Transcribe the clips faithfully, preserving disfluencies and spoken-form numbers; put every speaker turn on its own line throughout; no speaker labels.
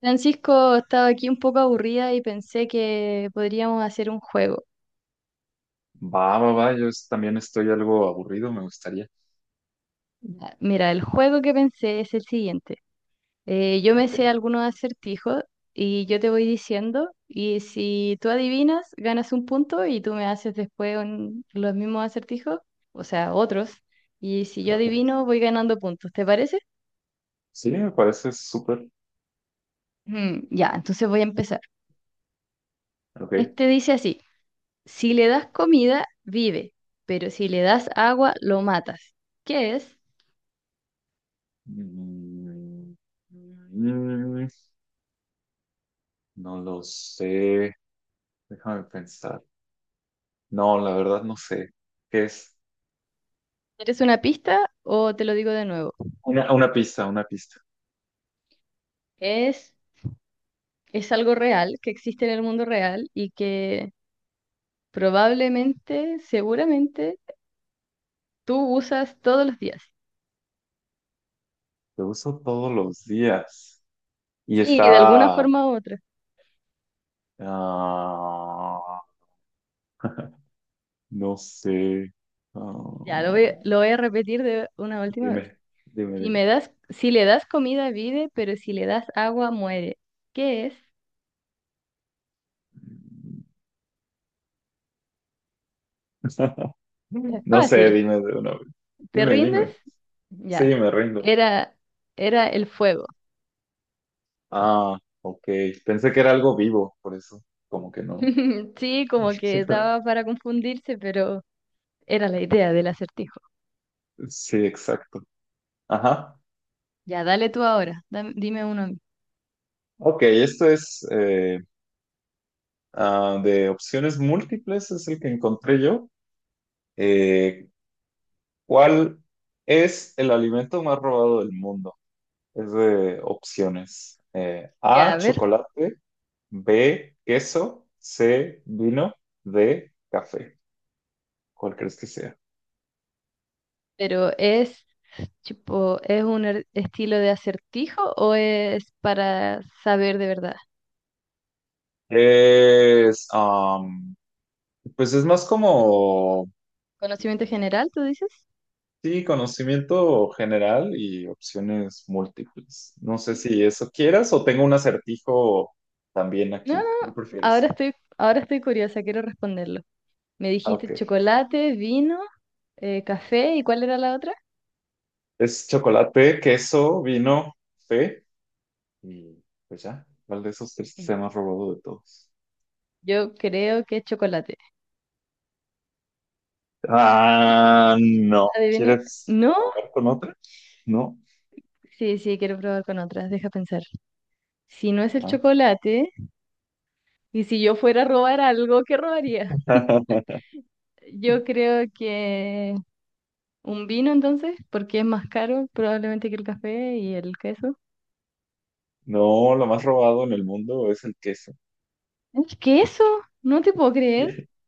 Francisco, estaba aquí un poco aburrida y pensé que podríamos hacer un juego.
Va, va, va, yo es- también estoy algo aburrido, me gustaría.
Ya, mira, el juego que pensé es el siguiente. Eh, yo me
Ok,
sé algunos acertijos y yo te voy diciendo y si tú adivinas, ganas un punto y tú me haces después un- los mismos acertijos, o sea, otros. Y si yo
ok.
adivino, voy ganando puntos. ¿Te parece?
Sí, me parece súper.
Mm, ya, entonces voy a empezar.
Ok.
Este dice así, si le das comida, vive, pero si le das agua, lo matas. ¿Qué es?
Mm, mm, no lo sé. Déjame pensar. No, la verdad no sé. ¿Qué es?
¿Quieres una pista o te lo digo de nuevo?
Una, una pista, una pista.
Es, es algo real, que existe en el mundo real y que probablemente, seguramente, tú usas todos los días.
Lo uso todos los días. Y
Sí, de alguna
está...
forma u otra.
ah, no sé.
Ya, lo voy,
Ah,
lo voy a repetir de una última vez.
dime,
Si
dime,
me das, si le das comida, vive, pero si le das agua, muere. ¿Qué es?
dime.
Es
No sé,
fácil.
dime de una vez.
¿Te
Dime,
rindes?
dime. Sí,
Ya.
me rindo.
Era, era el fuego.
Ah, ok. Pensé que era algo vivo, por eso, como que no.
Sí, como que daba para confundirse, pero... Era la idea del acertijo.
Sí, exacto. Ajá.
Ya, dale tú ahora. Dam- dime uno a mí.
Ok, esto es eh, ah, de opciones múltiples, es el que encontré yo. Eh, ¿cuál es el alimento más robado del mundo? Es de opciones. Eh,
Ya,
A,
a ver.
chocolate, B, queso, C, vino, D, café. ¿Cuál crees que sea?
Pero es, tipo, ¿es un er- estilo de acertijo o es para saber de verdad?
Es, am, pues es más como,
¿Conocimiento general, tú dices?
sí, conocimiento general y opciones múltiples. No sé si eso quieras, o tengo un acertijo también
No, no.
aquí. ¿Cuál
Ahora
prefieres?
estoy, ahora estoy curiosa, quiero responderlo. Me
Ah, ok.
dijiste chocolate, vino, eh, café, ¿y cuál era la otra?
Es chocolate, queso, vino, fe y pues ya. ¿Cuál de esos tres sea más robado de todos?
Yo creo que es chocolate.
Ah, no.
Adivine.
¿Quieres
¿No?
probar con otra? No.
Sí, sí, quiero probar con otras. Deja pensar. Si no es el
Ah.
chocolate. Y si yo fuera a robar algo, ¿qué robaría? Yo creo que un vino entonces, porque es más caro probablemente que el café y el queso.
No, lo más robado en el mundo es el queso.
¿El queso? No te puedo creer,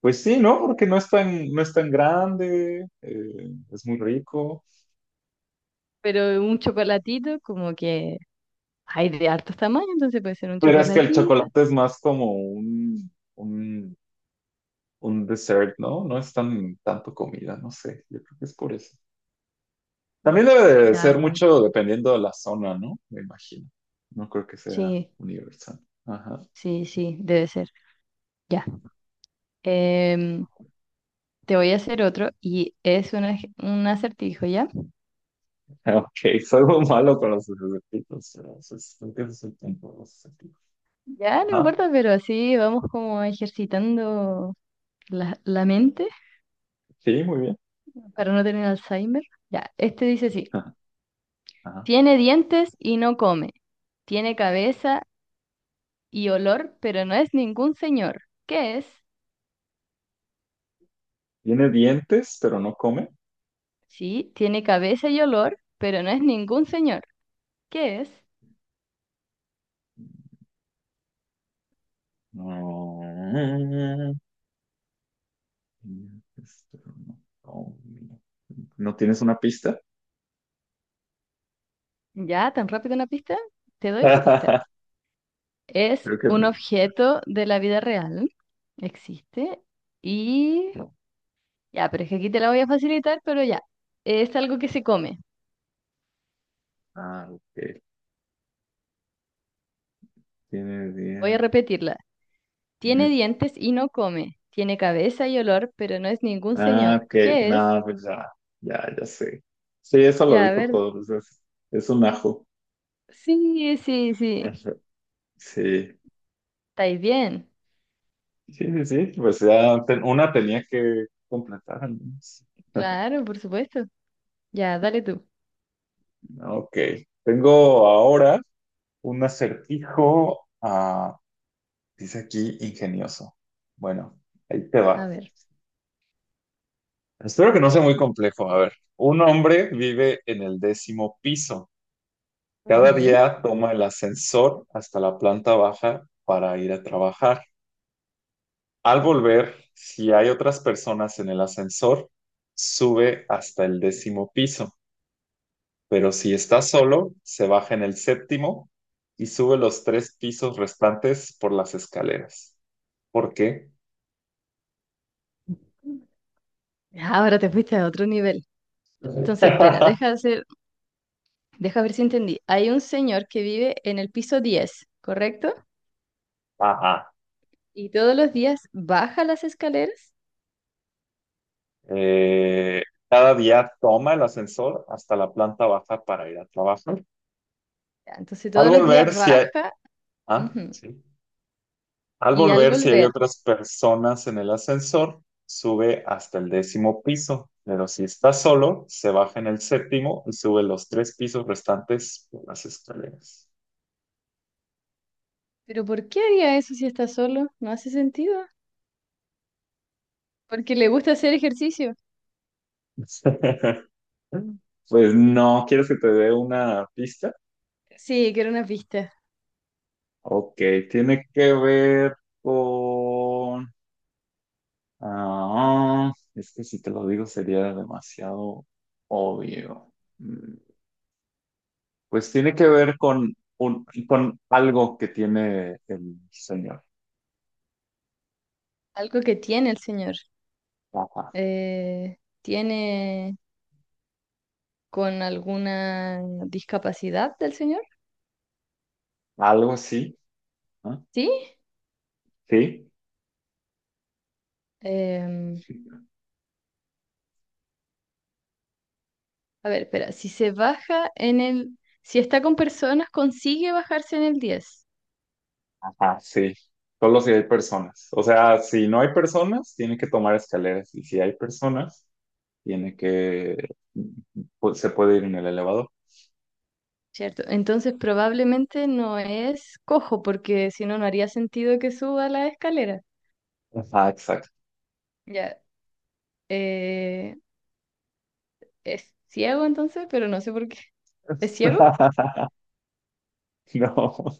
Pues sí, ¿no? Porque no es tan, no es tan grande, eh, es muy rico.
pero un chocolatito como que hay de hartos tamaños, entonces puede ser un
Pero es que el
chocolatito.
chocolate es más como un, un, un dessert, ¿no? No es tan tanto comida, no sé. Yo creo que es por eso. También debe de
Ya,
ser
bueno.
mucho dependiendo de la zona, ¿no? Me imagino. No creo que sea
Sí,
universal. Ajá.
sí, sí, debe ser. Ya. Em, Te voy a hacer otro y es un, ej- un acertijo, ¿ya?
Ok, soy muy malo con los sustantivos, pero, pues, creo que ese es el punto de los sustantivos.
Ya, no
Ajá.
importa, pero así vamos como ejercitando la, la mente.
Sí, muy bien.
Para no tener Alzheimer. Ya, este dice así,
Ajá.
tiene dientes y no come, tiene cabeza y olor, pero no es ningún señor. ¿Qué es?
Tiene dientes, pero no come.
Sí, tiene cabeza y olor, pero no es ningún señor. ¿Qué es?
No, dientes, pero no come. ¿No tienes una pista?
Ya, tan rápido una pista, te doy una pista. Es
Creo
un
que.
objeto de la vida real, existe, y ya, pero es que aquí te la voy a facilitar, pero ya, es algo que se come.
Ah, ok. Tiene
Voy a
dientes.
repetirla. Tiene
Ujú.
dientes y no come. Tiene cabeza y olor, pero no es ningún
Ah,
señor.
ok.
¿Qué es?
No, pues ya. Ya, ya sé. Sí, eso lo
Ya, a
dijo
ver.
todo, pues es, es un ajo.
Sí, sí, sí.
Ajá. Sí.
¿Estáis bien?
Sí, sí, sí. Pues ya ten- una tenía que completar, al menos.
Claro, por supuesto. Ya, dale tú.
Ok. Tengo ahora un acertijo. Dice aquí ingenioso. Bueno, ahí te
A
va.
ver.
Espero que no sea muy complejo. A ver, un hombre vive en el décimo piso. Cada
Ujú.
día toma el ascensor hasta la planta baja para ir a trabajar. Al volver, si hay otras personas en el ascensor, sube hasta el décimo piso. Pero si está solo, se baja en el séptimo y sube los tres pisos restantes por las escaleras. ¿Por qué?
Ahora te fuiste a otro nivel. Entonces, espera, deja hacer, deja ver si entendí. Hay un señor que vive en el piso diez, ¿correcto?
Ajá.
Y todos los días baja las escaleras.
Eh, cada día toma el ascensor hasta la planta baja para ir a trabajar.
Ya, entonces,
Al
todos los días
volver, si hay,
baja.
ah,
Ujú.
sí. Al
Y al
volver, si hay
volver.
otras personas en el ascensor, sube hasta el décimo piso, pero si está solo, se baja en el séptimo y sube los tres pisos restantes por las escaleras.
¿Pero por qué haría eso si está solo? No hace sentido. Porque le gusta hacer ejercicio.
Pues no, ¿quieres que te dé una pista?
Sí, quiero una pista.
Ok, tiene que ver con... Ah, es que si te lo digo sería demasiado obvio. Mm, Pues tiene que ver con, un, con algo que tiene el señor.
Algo que tiene el señor.
Ajá.
Eh, ¿tiene con alguna discapacidad del señor?
Algo así, ¿no?
Sí.
Sí.
Em, a ver, espera. Si se baja en el... Si está con personas, consigue bajarse en el diez,
Ajá, sí. Solo si hay personas. O sea, si no hay personas, tiene que tomar escaleras. Y si hay personas, tiene que... pues, se puede ir en el elevador.
¿cierto? Entonces probablemente no es cojo, porque si no, no haría sentido que suba la escalera.
Ajá, exacto.
Ya. Eh, ¿Es ciego entonces? Pero no sé por qué. ¿Es ciego?
No.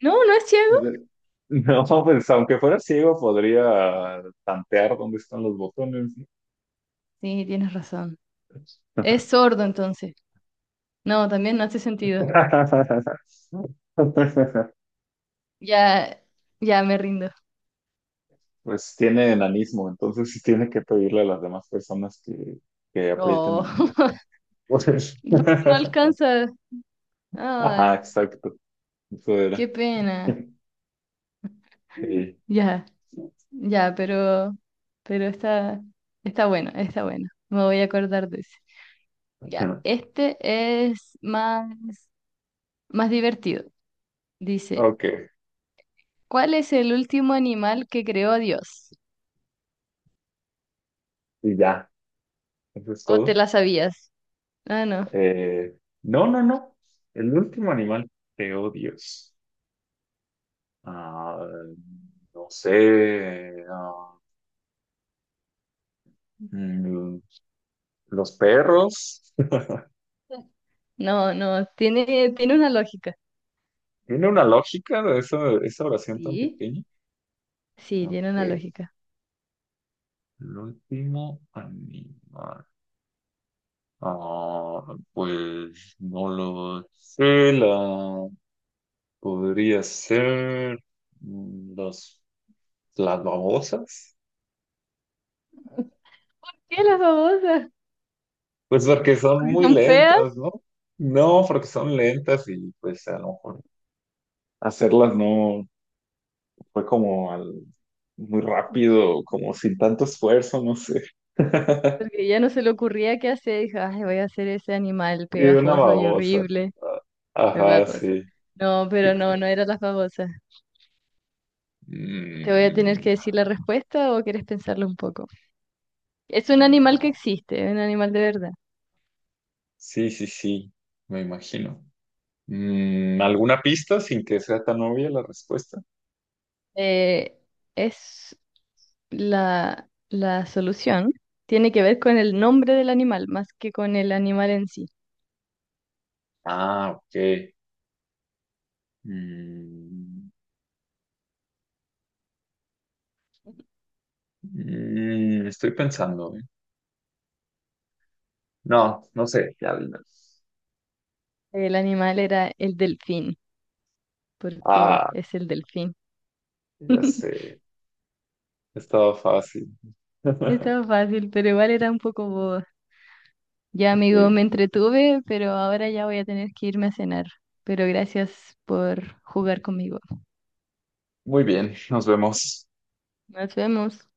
No, no es ciego.
No, pues aunque fuera ciego podría tantear dónde están los botones, ¿no?
Sí, tienes razón. Es sordo entonces. No, también no hace sentido. Ya, ya me rindo.
Pues tiene enanismo, entonces sí tiene que pedirle a las demás personas que, que aprieten
Oh,
el botón.
porque no alcanza.
Ajá,
Ah,
exacto. Eso
qué
era.
pena.
Sí.
Ya, ya, pero, pero está, está bueno, está bueno. Me voy a acordar de ese. Ya, este es más, más divertido. Dice,
Ok,
¿cuál es el último animal que creó Dios?
y ya. Eso es
¿O
todo.
te la sabías? Ah, no.
Eh, no, no, no. El último animal. Te odios. Ah, no sé, ah, mm, los perros.
No, no, tiene, tiene una lógica.
¿Tiene una lógica de esa, esa oración tan
Sí.
pequeña?
Sí, tiene
Ok,
una
el
lógica.
último animal. Ah, pues no lo sé, la podría ser mm, los, las babosas.
¿Por qué las babosas?
Pues porque son
Porque
muy
son feas,
lentas, ¿no? No, porque son lentas y pues a lo mejor hacerlas no. Fue como al- muy rápido, como sin tanto esfuerzo, no sé.
porque ya no se le ocurría qué hacer. Dijo, ay, voy a hacer ese animal
Y una
pegajoso y
babosa.
horrible.
Ah,
Es
Ajá,
babosa.
sí.
No, pero no, no
Exacto.
era las babosas. ¿Te voy a tener
Mm,
que decir la respuesta o quieres pensarlo un poco? Es un animal que
ah,
existe, es un animal de verdad.
sí, sí, sí, me imagino. Mm, ¿alguna pista sin que sea tan obvia la respuesta?
Eh, es la, la solución. Tiene que ver con el nombre del animal, más que con el animal en sí.
Ah, ok. Mm, mm, estoy pensando, ¿eh? No, no sé, ya, ya.
El animal era el delfín, porque
Ah,
es el delfín.
ya sé, estaba fácil.
Estaba fácil, pero igual era un poco boba. Ya, amigo,
Ok,
me entretuve, pero ahora ya voy a tener que irme a cenar. Pero gracias por jugar conmigo.
muy bien, nos vemos.
Nos vemos.